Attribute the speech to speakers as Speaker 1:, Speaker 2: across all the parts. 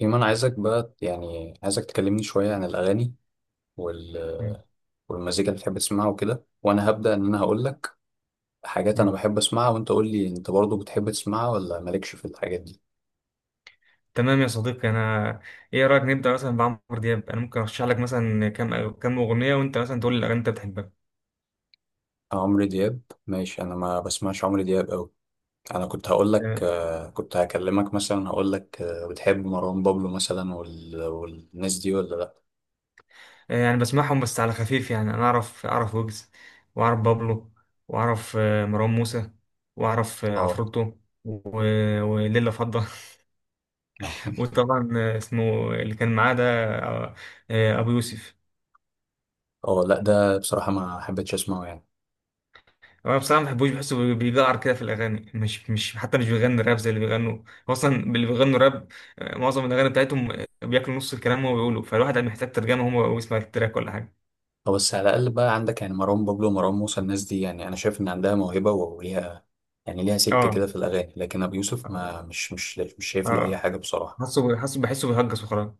Speaker 1: إيمان عايزك بقى يعني عايزك تكلمني شوية عن الأغاني وال
Speaker 2: مم.
Speaker 1: والمزيكا اللي بتحب تسمعها وكده، وأنا هبدأ إن أنا هقول لك حاجات أنا
Speaker 2: مم.
Speaker 1: بحب أسمعها، وأنت قول لي أنت برضو بتحب تسمعها ولا مالكش في الحاجات دي.
Speaker 2: تمام يا صديقي، ايه رايك نبدا مثلا بعمرو دياب. انا ممكن ارشح لك مثلا كام اغنيه وانت مثلا تقول لي الاغاني اللي انت بتحبها.
Speaker 1: عمرو دياب ماشي، أنا ما بسمعش عمرو دياب أوي. أنا كنت هقول لك
Speaker 2: تمام.
Speaker 1: كنت هكلمك مثلا، هقول لك بتحب مروان بابلو مثلا والناس دي ولا لأ؟
Speaker 2: يعني بسمعهم بس على خفيف. يعني انا اعرف ويجز، واعرف بابلو، واعرف مروان موسى، واعرف
Speaker 1: أه.
Speaker 2: عفروتو، وليلة فضة. وطبعا اسمه اللي كان معاه ده، آه، ابو يوسف.
Speaker 1: أه لأ، ده بصراحة ما حبيتش أسمعه يعني.
Speaker 2: انا بصراحه ما بحبوش، بحسه بيجعر كده في الاغاني. مش حتى مش بيغني راب زي اللي بيغنوا. هو اصلا اللي بيغنوا راب معظم الاغاني بتاعتهم بياكلوا نص الكلام وهو بيقوله، فالواحد محتاج ترجمه هو ويسمع التراك ولا حاجه.
Speaker 1: أو بس على الأقل بقى عندك يعني مروان بابلو ومروان موسى الناس دي، يعني أنا شايف إن عندها موهبة وليها، يعني ليها سكة
Speaker 2: اه.
Speaker 1: كده في الأغاني، لكن أبو يوسف
Speaker 2: اه.
Speaker 1: ما مش مش مش شايف له أي
Speaker 2: آه.
Speaker 1: حاجة بصراحة.
Speaker 2: حاسه بحسه بيهجس وخلاص.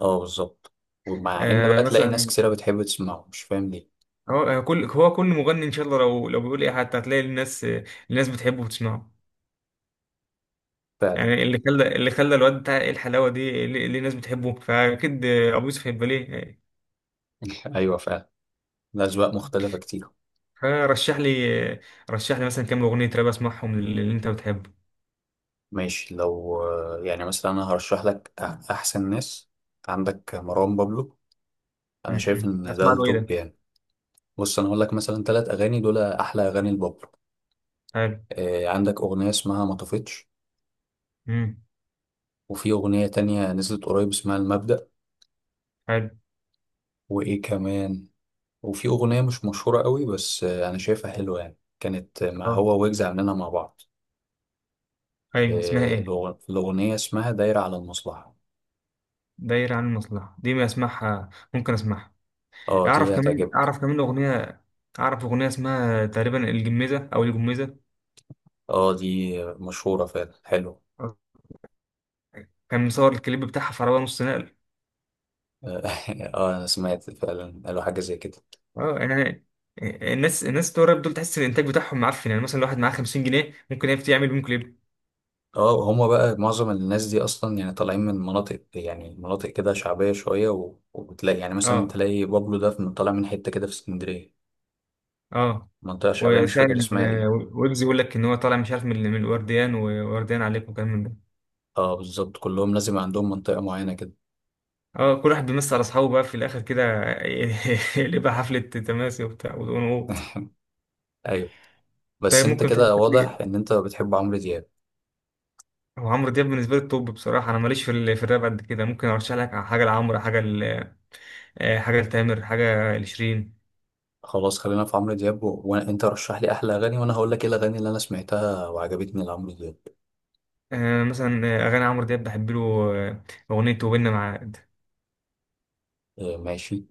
Speaker 1: أه، بالظبط. ومع إن بقى تلاقي ناس
Speaker 2: مثلا
Speaker 1: كتيرة بتحب تسمعه، مش فاهم ليه.
Speaker 2: هو كل مغني ان شاء الله لو بيقول ايه حتى هتلاقي الناس بتحبه وبتسمعه.
Speaker 1: فعلا.
Speaker 2: يعني اللي خلى الواد بتاع ايه الحلاوه دي، ليه الناس بتحبه، فاكيد ابو يوسف هيبقى ليه.
Speaker 1: أيوه، فعلا. الأذواق مختلفة كتير.
Speaker 2: فرشح لي رشح لي مثلا كام اغنيه راب اسمعهم اللي انت بتحبه.
Speaker 1: ماشي، لو يعني مثلا أنا هرشح لك أحسن ناس، عندك مروان بابلو، أنا شايف إن ده
Speaker 2: اسمع له ايه ده.
Speaker 1: التوب يعني. بص، أنا هقول لك مثلا تلات أغاني دول أحلى أغاني لبابلو.
Speaker 2: حلو.
Speaker 1: عندك أغنية اسمها ما طفتش،
Speaker 2: امم.
Speaker 1: وفي أغنية تانية نزلت قريب اسمها المبدأ،
Speaker 2: حلو.
Speaker 1: وإيه كمان، وفي أغنية مش مشهورة قوي بس أنا شايفها حلوة، يعني كانت مع
Speaker 2: اه،
Speaker 1: هو ويجز عاملينها مع بعض.
Speaker 2: ايوه، اسمها ايه؟
Speaker 1: الأغنية اسمها دايرة على المصلحة.
Speaker 2: دايره عن المصلحه دي ما اسمعها، ممكن اسمعها.
Speaker 1: اه،
Speaker 2: اعرف
Speaker 1: دي
Speaker 2: كمان
Speaker 1: هتعجبك.
Speaker 2: اعرف كمان اغنيه. اعرف اغنيه اسمها تقريبا الجميزه او الجميزه.
Speaker 1: اه، دي مشهورة فعلا، حلو.
Speaker 2: آه. كان مصور الكليب بتاعها في عربيه نص نقل.
Speaker 1: اه. أنا سمعت فعلا، قالوا حاجة زي كده.
Speaker 2: اه، يعني الناس بتوع الراب دول تحس الانتاج بتاعهم معفن. يعني مثلا لو واحد معاه 50 جنيه ممكن يعمل بيهم كليب.
Speaker 1: اه، هما بقى معظم الناس دي أصلا يعني طالعين من مناطق، يعني مناطق كده شعبية شوية، وبتلاقي يعني مثلا
Speaker 2: اه.
Speaker 1: تلاقي بابلو ده طالع من حتة كده في اسكندرية،
Speaker 2: اه.
Speaker 1: منطقة شعبية مش فاكر
Speaker 2: وفعلا
Speaker 1: اسمها ايه.
Speaker 2: ويجز يقول لك ان هو طالع مش عارف من الورديان، وورديان عليكم وكلام من ده.
Speaker 1: اه، بالظبط، كلهم لازم عندهم منطقة معينة كده.
Speaker 2: اه، كل واحد بيمس على اصحابه بقى في الاخر كده. يبقى حفله تماسي وبتاع ونقوط.
Speaker 1: ايوه. بس
Speaker 2: طيب
Speaker 1: انت
Speaker 2: ممكن
Speaker 1: كده
Speaker 2: ترشح لي.
Speaker 1: واضح ان انت بتحب عمرو دياب.
Speaker 2: هو عمرو دياب بالنسبه لي التوب. بصراحه انا ماليش في الراب قد كده. ممكن ارشح لك حاجه لعمرو، حاجه لتامر، حاجه لشيرين.
Speaker 1: خلاص، خلينا في عمرو دياب وانت رشح لي احلى اغاني وانا هقول لك ايه الاغاني اللي انا سمعتها وعجبتني لعمرو دياب.
Speaker 2: مثلا اغاني عمرو دياب بحب له آه، اغنيه وبيننا مع.
Speaker 1: آه، ماشي.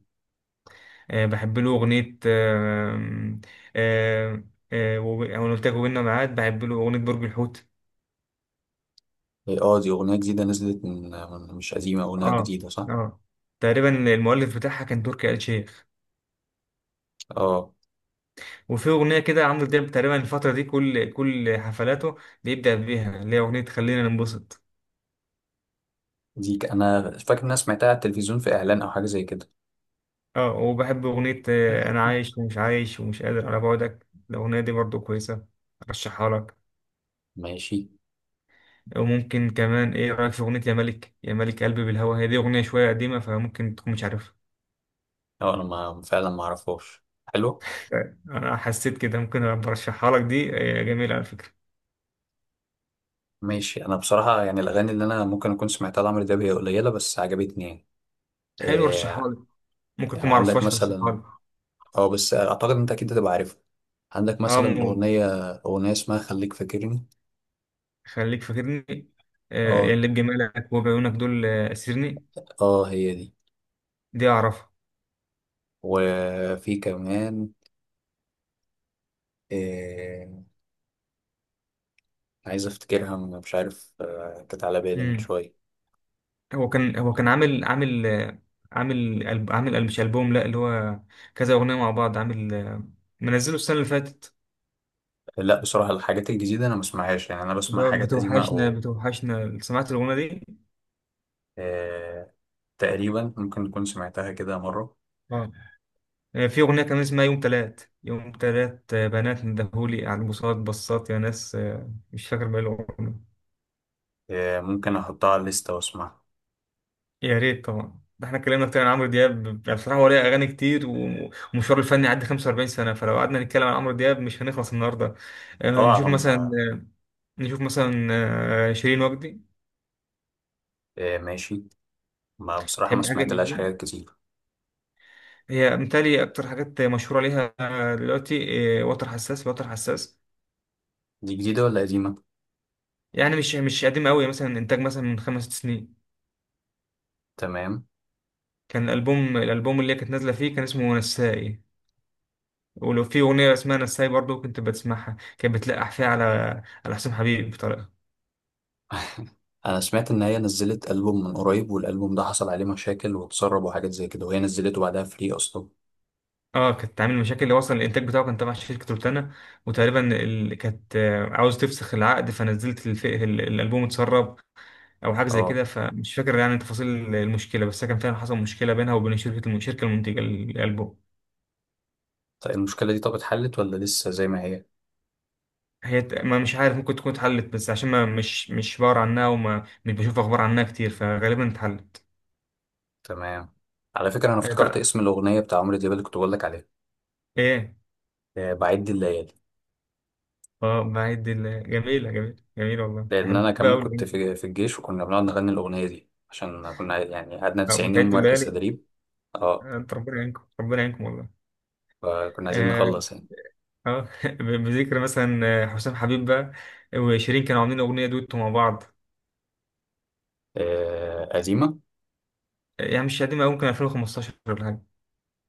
Speaker 2: بحب له أغنية آه، أنا قلت لك وبيننا ميعاد. بحب له أغنية برج الحوت.
Speaker 1: اه. دي اغنية جديدة نزلت من مش قديمة، اغنية
Speaker 2: اه.
Speaker 1: جديدة صح؟
Speaker 2: اه. تقريبا المؤلف بتاعها كان تركي آل الشيخ.
Speaker 1: اه،
Speaker 2: وفي أغنية كده عمرو دياب تقريبا الفترة دي كل حفلاته بيبدأ بيها، اللي هي أغنية خلينا ننبسط.
Speaker 1: انا فاكر ان انا سمعتها على التلفزيون في اعلان او حاجة زي كده.
Speaker 2: اه، وبحب أغنية أنا عايش ومش عايش ومش قادر على بعدك، الأغنية دي برضو كويسة، أرشحها لك.
Speaker 1: ماشي.
Speaker 2: وممكن كمان، إيه رأيك في أغنية يا ملك يا ملك قلبي بالهوى؟ هي دي أغنية شوية قديمة فممكن تكون مش عارفها.
Speaker 1: اه، انا ما... فعلا ما اعرفهاش. حلو.
Speaker 2: طيب انا حسيت كده، ممكن برشحها لك دي، جميله على فكره.
Speaker 1: ماشي، انا بصراحة يعني الاغاني اللي انا ممكن اكون سمعتها لعمرو دياب هي قليلة بس عجبتني يعني.
Speaker 2: حلو، رشحها
Speaker 1: آه.
Speaker 2: لي. ممكن
Speaker 1: يعني
Speaker 2: اكون ما
Speaker 1: عندك
Speaker 2: اعرفهاش، رشحها
Speaker 1: مثلا،
Speaker 2: لي.
Speaker 1: اه بس اعتقد انت اكيد هتبقى عارفها. عندك
Speaker 2: اه
Speaker 1: مثلا
Speaker 2: مول.
Speaker 1: اغنية اسمها خليك فاكرني.
Speaker 2: خليك فاكرني. آه يا
Speaker 1: اه،
Speaker 2: اللي بجمالك وبعيونك دول اسرني.
Speaker 1: اه، هي دي.
Speaker 2: دي اعرفها.
Speaker 1: وفي كمان، إيه، عايز افتكرها مش عارف، كانت على بالي من
Speaker 2: امم.
Speaker 1: شوية.
Speaker 2: هو كان عامل مش البوم، لا، اللي هو كذا اغنيه مع بعض عامل منزله السنه اللي فاتت.
Speaker 1: لا بصراحة الحاجات الجديدة انا ما بسمعهاش، يعني انا
Speaker 2: اللي
Speaker 1: بسمع
Speaker 2: هو
Speaker 1: حاجات قديمة
Speaker 2: بتوحشنا،
Speaker 1: او
Speaker 2: بتوحشنا، سمعت الاغنيه دي؟
Speaker 1: آه، تقريبا ممكن تكون سمعتها كده مرة.
Speaker 2: اه. في أغنية كان اسمها يوم تلات يوم تلات، بنات ندهولي على البوصات بصات يا ناس. مش فاكر بقى الأغنية.
Speaker 1: ممكن احطها على الليستة واسمعها.
Speaker 2: يا ريت طبعا، ده احنا اتكلمنا كتير عن عمرو دياب، يعني بصراحة هو ليه أغاني كتير. ومشواره الفني عدى 45 سنة، فلو قعدنا نتكلم عن عمرو دياب مش هنخلص النهاردة. آه،
Speaker 1: اه.
Speaker 2: نشوف
Speaker 1: على
Speaker 2: مثلا
Speaker 1: ما-
Speaker 2: نشوف مثلا شيرين وجدي.
Speaker 1: آه، ماشي. ما بصراحة ما
Speaker 2: تحب حاجة
Speaker 1: سمعتلهاش
Speaker 2: لشيرين؟
Speaker 1: حاجات كتير.
Speaker 2: هي متهيألي أكتر حاجات مشهورة ليها دلوقتي وتر حساس، وتر حساس.
Speaker 1: دي جديدة ولا قديمة؟
Speaker 2: يعني مش قديمة أوي، مثلا إنتاج مثلا من 5 سنين.
Speaker 1: تمام.
Speaker 2: كان الألبوم اللي هي كانت نازلة فيه كان اسمه نسائي. ولو في أغنية اسمها نسائي برضه كنت بتسمعها، كانت بتلقح فيها على حسام حبيب بطريقة.
Speaker 1: انا سمعت ان هي نزلت البوم من قريب، والالبوم ده حصل عليه مشاكل واتسرب وحاجات زي كده، وهي نزلته بعدها فري اصلا.
Speaker 2: اه، كانت عامل مشاكل. اللي وصل الانتاج بتاعه كان تبع شركة روتانا. وتقريبا كانت عاوز تفسخ العقد، فنزلت الألبوم اتسرب أو حاجة زي
Speaker 1: اه.
Speaker 2: كده. فمش فاكر يعني تفاصيل المشكلة، بس كان فعلا حصل مشكلة بينها وبين الشركة المنتجة للألبوم.
Speaker 1: طيب، المشكله دي طب اتحلت ولا لسه زي ما هي؟
Speaker 2: ما مش عارف، ممكن تكون اتحلت. بس عشان ما مش بقرا عنها وما مش بشوف أخبار عنها كتير فغالبا اتحلت.
Speaker 1: تمام. على فكره، انا افتكرت
Speaker 2: آه،
Speaker 1: اسم الاغنيه بتاع عمرو دياب اللي كنت بقول لك عليها.
Speaker 2: ايه.
Speaker 1: بعد الليالي.
Speaker 2: اه جميلة جميلة جميلة، والله
Speaker 1: لان
Speaker 2: بحب
Speaker 1: انا كمان
Speaker 2: أوي
Speaker 1: كنت
Speaker 2: الأغنية دي.
Speaker 1: في الجيش، وكنا بنقعد نغني الاغنيه دي عشان كنا يعني قعدنا 90 يوم
Speaker 2: بتعدوا
Speaker 1: مركز
Speaker 2: الليالي.
Speaker 1: تدريب. اه،
Speaker 2: انت، ربنا يعينكم ربنا يعينكم والله.
Speaker 1: فكنا عايزين
Speaker 2: اه.
Speaker 1: نخلص يعني.
Speaker 2: بذكر مثلا حسام حبيب بقى وشيرين كانوا عاملين أغنية دويتو مع بعض.
Speaker 1: آه، قديمه.
Speaker 2: يعني مش قديمة أوي، ممكن 2015 ولا حاجة.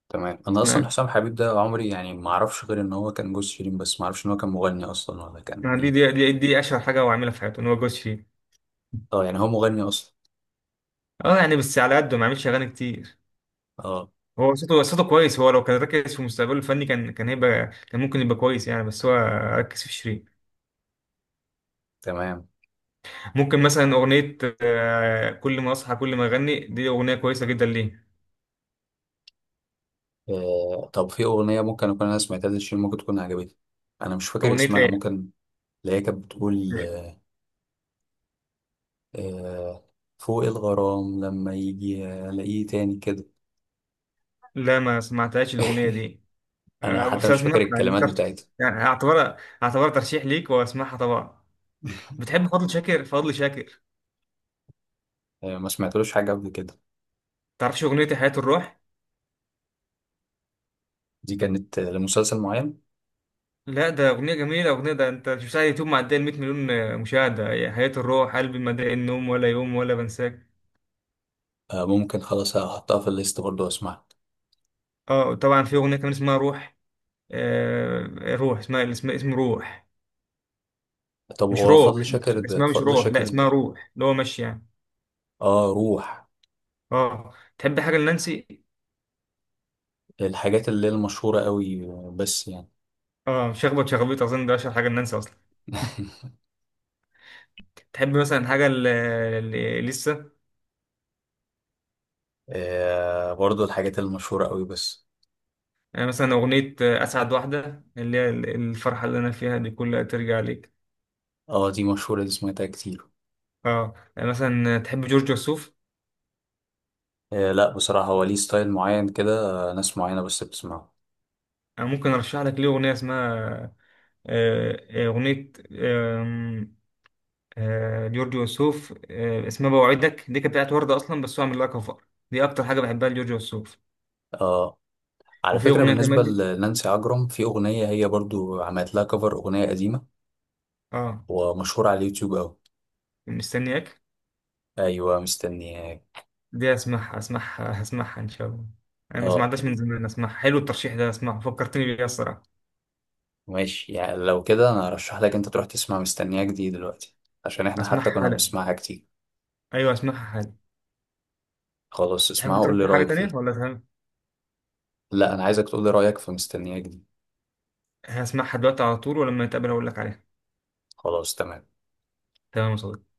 Speaker 1: تمام. انا
Speaker 2: اسمها
Speaker 1: اصلا حسام حبيب ده عمري يعني ما اعرفش غير ان هو كان جوز شيرين، بس ما اعرفش ان هو كان مغني اصلا ولا كان
Speaker 2: اسمها دي دي
Speaker 1: ايه.
Speaker 2: دي, دي أشهر حاجة هو عاملها في حياته إن هو جوز شيرين.
Speaker 1: اه، يعني هو مغني اصلا.
Speaker 2: اه، يعني بس على قده ما عملش أغاني كتير.
Speaker 1: اه.
Speaker 2: هو صوته كويس. هو لو كان ركز في مستقبله الفني كان هيبقى كان ممكن يبقى كويس يعني، بس هو ركز في شيرين.
Speaker 1: تمام.
Speaker 2: ممكن مثلا أغنية كل ما أصحى كل ما أغني، دي أغنية كويسة جدا ليه.
Speaker 1: آه، طب في اغنيه ممكن اكون انا سمعتها لشيرين ممكن تكون عجبتني، انا مش فاكر
Speaker 2: أغنية
Speaker 1: اسمها،
Speaker 2: إيه؟
Speaker 1: ممكن اللي هي كانت بتقول آه، آه، فوق الغرام لما يجي الاقيه تاني كده.
Speaker 2: لا ما سمعتهاش الأغنية دي.
Speaker 1: انا حتى
Speaker 2: بس
Speaker 1: مش
Speaker 2: أسمعها
Speaker 1: فاكر
Speaker 2: يعني
Speaker 1: الكلمات
Speaker 2: ترشيح.
Speaker 1: بتاعتها.
Speaker 2: يعني أعتبرها ترشيح ليك وأسمعها طبعا. بتحب فضل شاكر؟ فضل شاكر،
Speaker 1: آه، ما سمعتلوش حاجه قبل كده.
Speaker 2: تعرفش أغنية حياة الروح؟
Speaker 1: دي كانت لمسلسل معين.
Speaker 2: لا، ده أغنية جميلة، أغنية ده أنت شفتها على اليوتيوب معدية ال 100 مليون مشاهدة. هي حياة الروح، قلبي ما ضاق النوم ولا يوم ولا بنساك.
Speaker 1: آه، ممكن خلاص هحطها في الليست برضه واسمعها.
Speaker 2: أه طبعا، في أغنية كمان اسمها روح. روح اسمها اسم روح.
Speaker 1: طب
Speaker 2: مش
Speaker 1: هو
Speaker 2: روح.
Speaker 1: فضل شاكر ده
Speaker 2: اسمها مش
Speaker 1: فضل
Speaker 2: روح، لا،
Speaker 1: شاكر
Speaker 2: اسمها
Speaker 1: ده.
Speaker 2: روح، اللي هو مشي يعني.
Speaker 1: اه، روح.
Speaker 2: اه. تحب حاجه لنانسي؟
Speaker 1: الحاجات اللي هي المشهورة قوي بس يعني.
Speaker 2: اه، شخبط شخبيط، اظن ده اشهر حاجه لنانسي اصلا. تحب مثلا حاجه لسه.
Speaker 1: آه برضو الحاجات المشهورة قوي بس.
Speaker 2: يعني مثلا اغنيه اسعد واحده اللي هي الفرحه اللي انا فيها دي كلها ترجع ليك.
Speaker 1: اه، دي مشهورة، دي سمعتها كتير.
Speaker 2: اه. يعني مثلا تحب جورج وسوف؟
Speaker 1: آه لا، بصراحة هو ليه ستايل معين كده، ناس معينة بس بتسمعه.
Speaker 2: انا ممكن ارشح لك ليه اغنيه اسمها آه، آه، اغنيه آم، آه، جورج وسوف اسمها بوعدك. دي كانت بتاعت ورده اصلا بس هو عامل لها كفر. دي اكتر حاجه بحبها لجورج وسوف.
Speaker 1: اه، على
Speaker 2: وفي
Speaker 1: فكرة
Speaker 2: أغنية
Speaker 1: بالنسبة
Speaker 2: كمان.
Speaker 1: لنانسي عجرم في أغنية هي برضو عملت لها كفر أغنية قديمة
Speaker 2: اه،
Speaker 1: ومشهورة على اليوتيوب أوي.
Speaker 2: مستنياك.
Speaker 1: أيوة، مستنياك.
Speaker 2: دي اسمعها هسمعها ان شاء الله. انا ما
Speaker 1: اه،
Speaker 2: سمعتهاش من زمان، اسمعها، حلو الترشيح ده، اسمعه، فكرتني بيه الصراحه.
Speaker 1: ماشي، يعني لو كده أنا أرشح لك أنت تروح تسمع مستنياك دي دلوقتي عشان إحنا حتى
Speaker 2: اسمعها
Speaker 1: كنا
Speaker 2: حالا،
Speaker 1: بنسمعها كتير.
Speaker 2: ايوه اسمعها حالا.
Speaker 1: خلاص، اسمعها
Speaker 2: تحب
Speaker 1: وقول لي
Speaker 2: ترشح حاجه
Speaker 1: رأيك فيها.
Speaker 2: تانية ولا تهم؟
Speaker 1: لا، انا عايزك تقول لي رايك في مستنياك دي.
Speaker 2: هسمعها دلوقتي على طول، ولما نتقابل اقول لك عليها.
Speaker 1: خلاص تمام.
Speaker 2: تمام يا صديقي.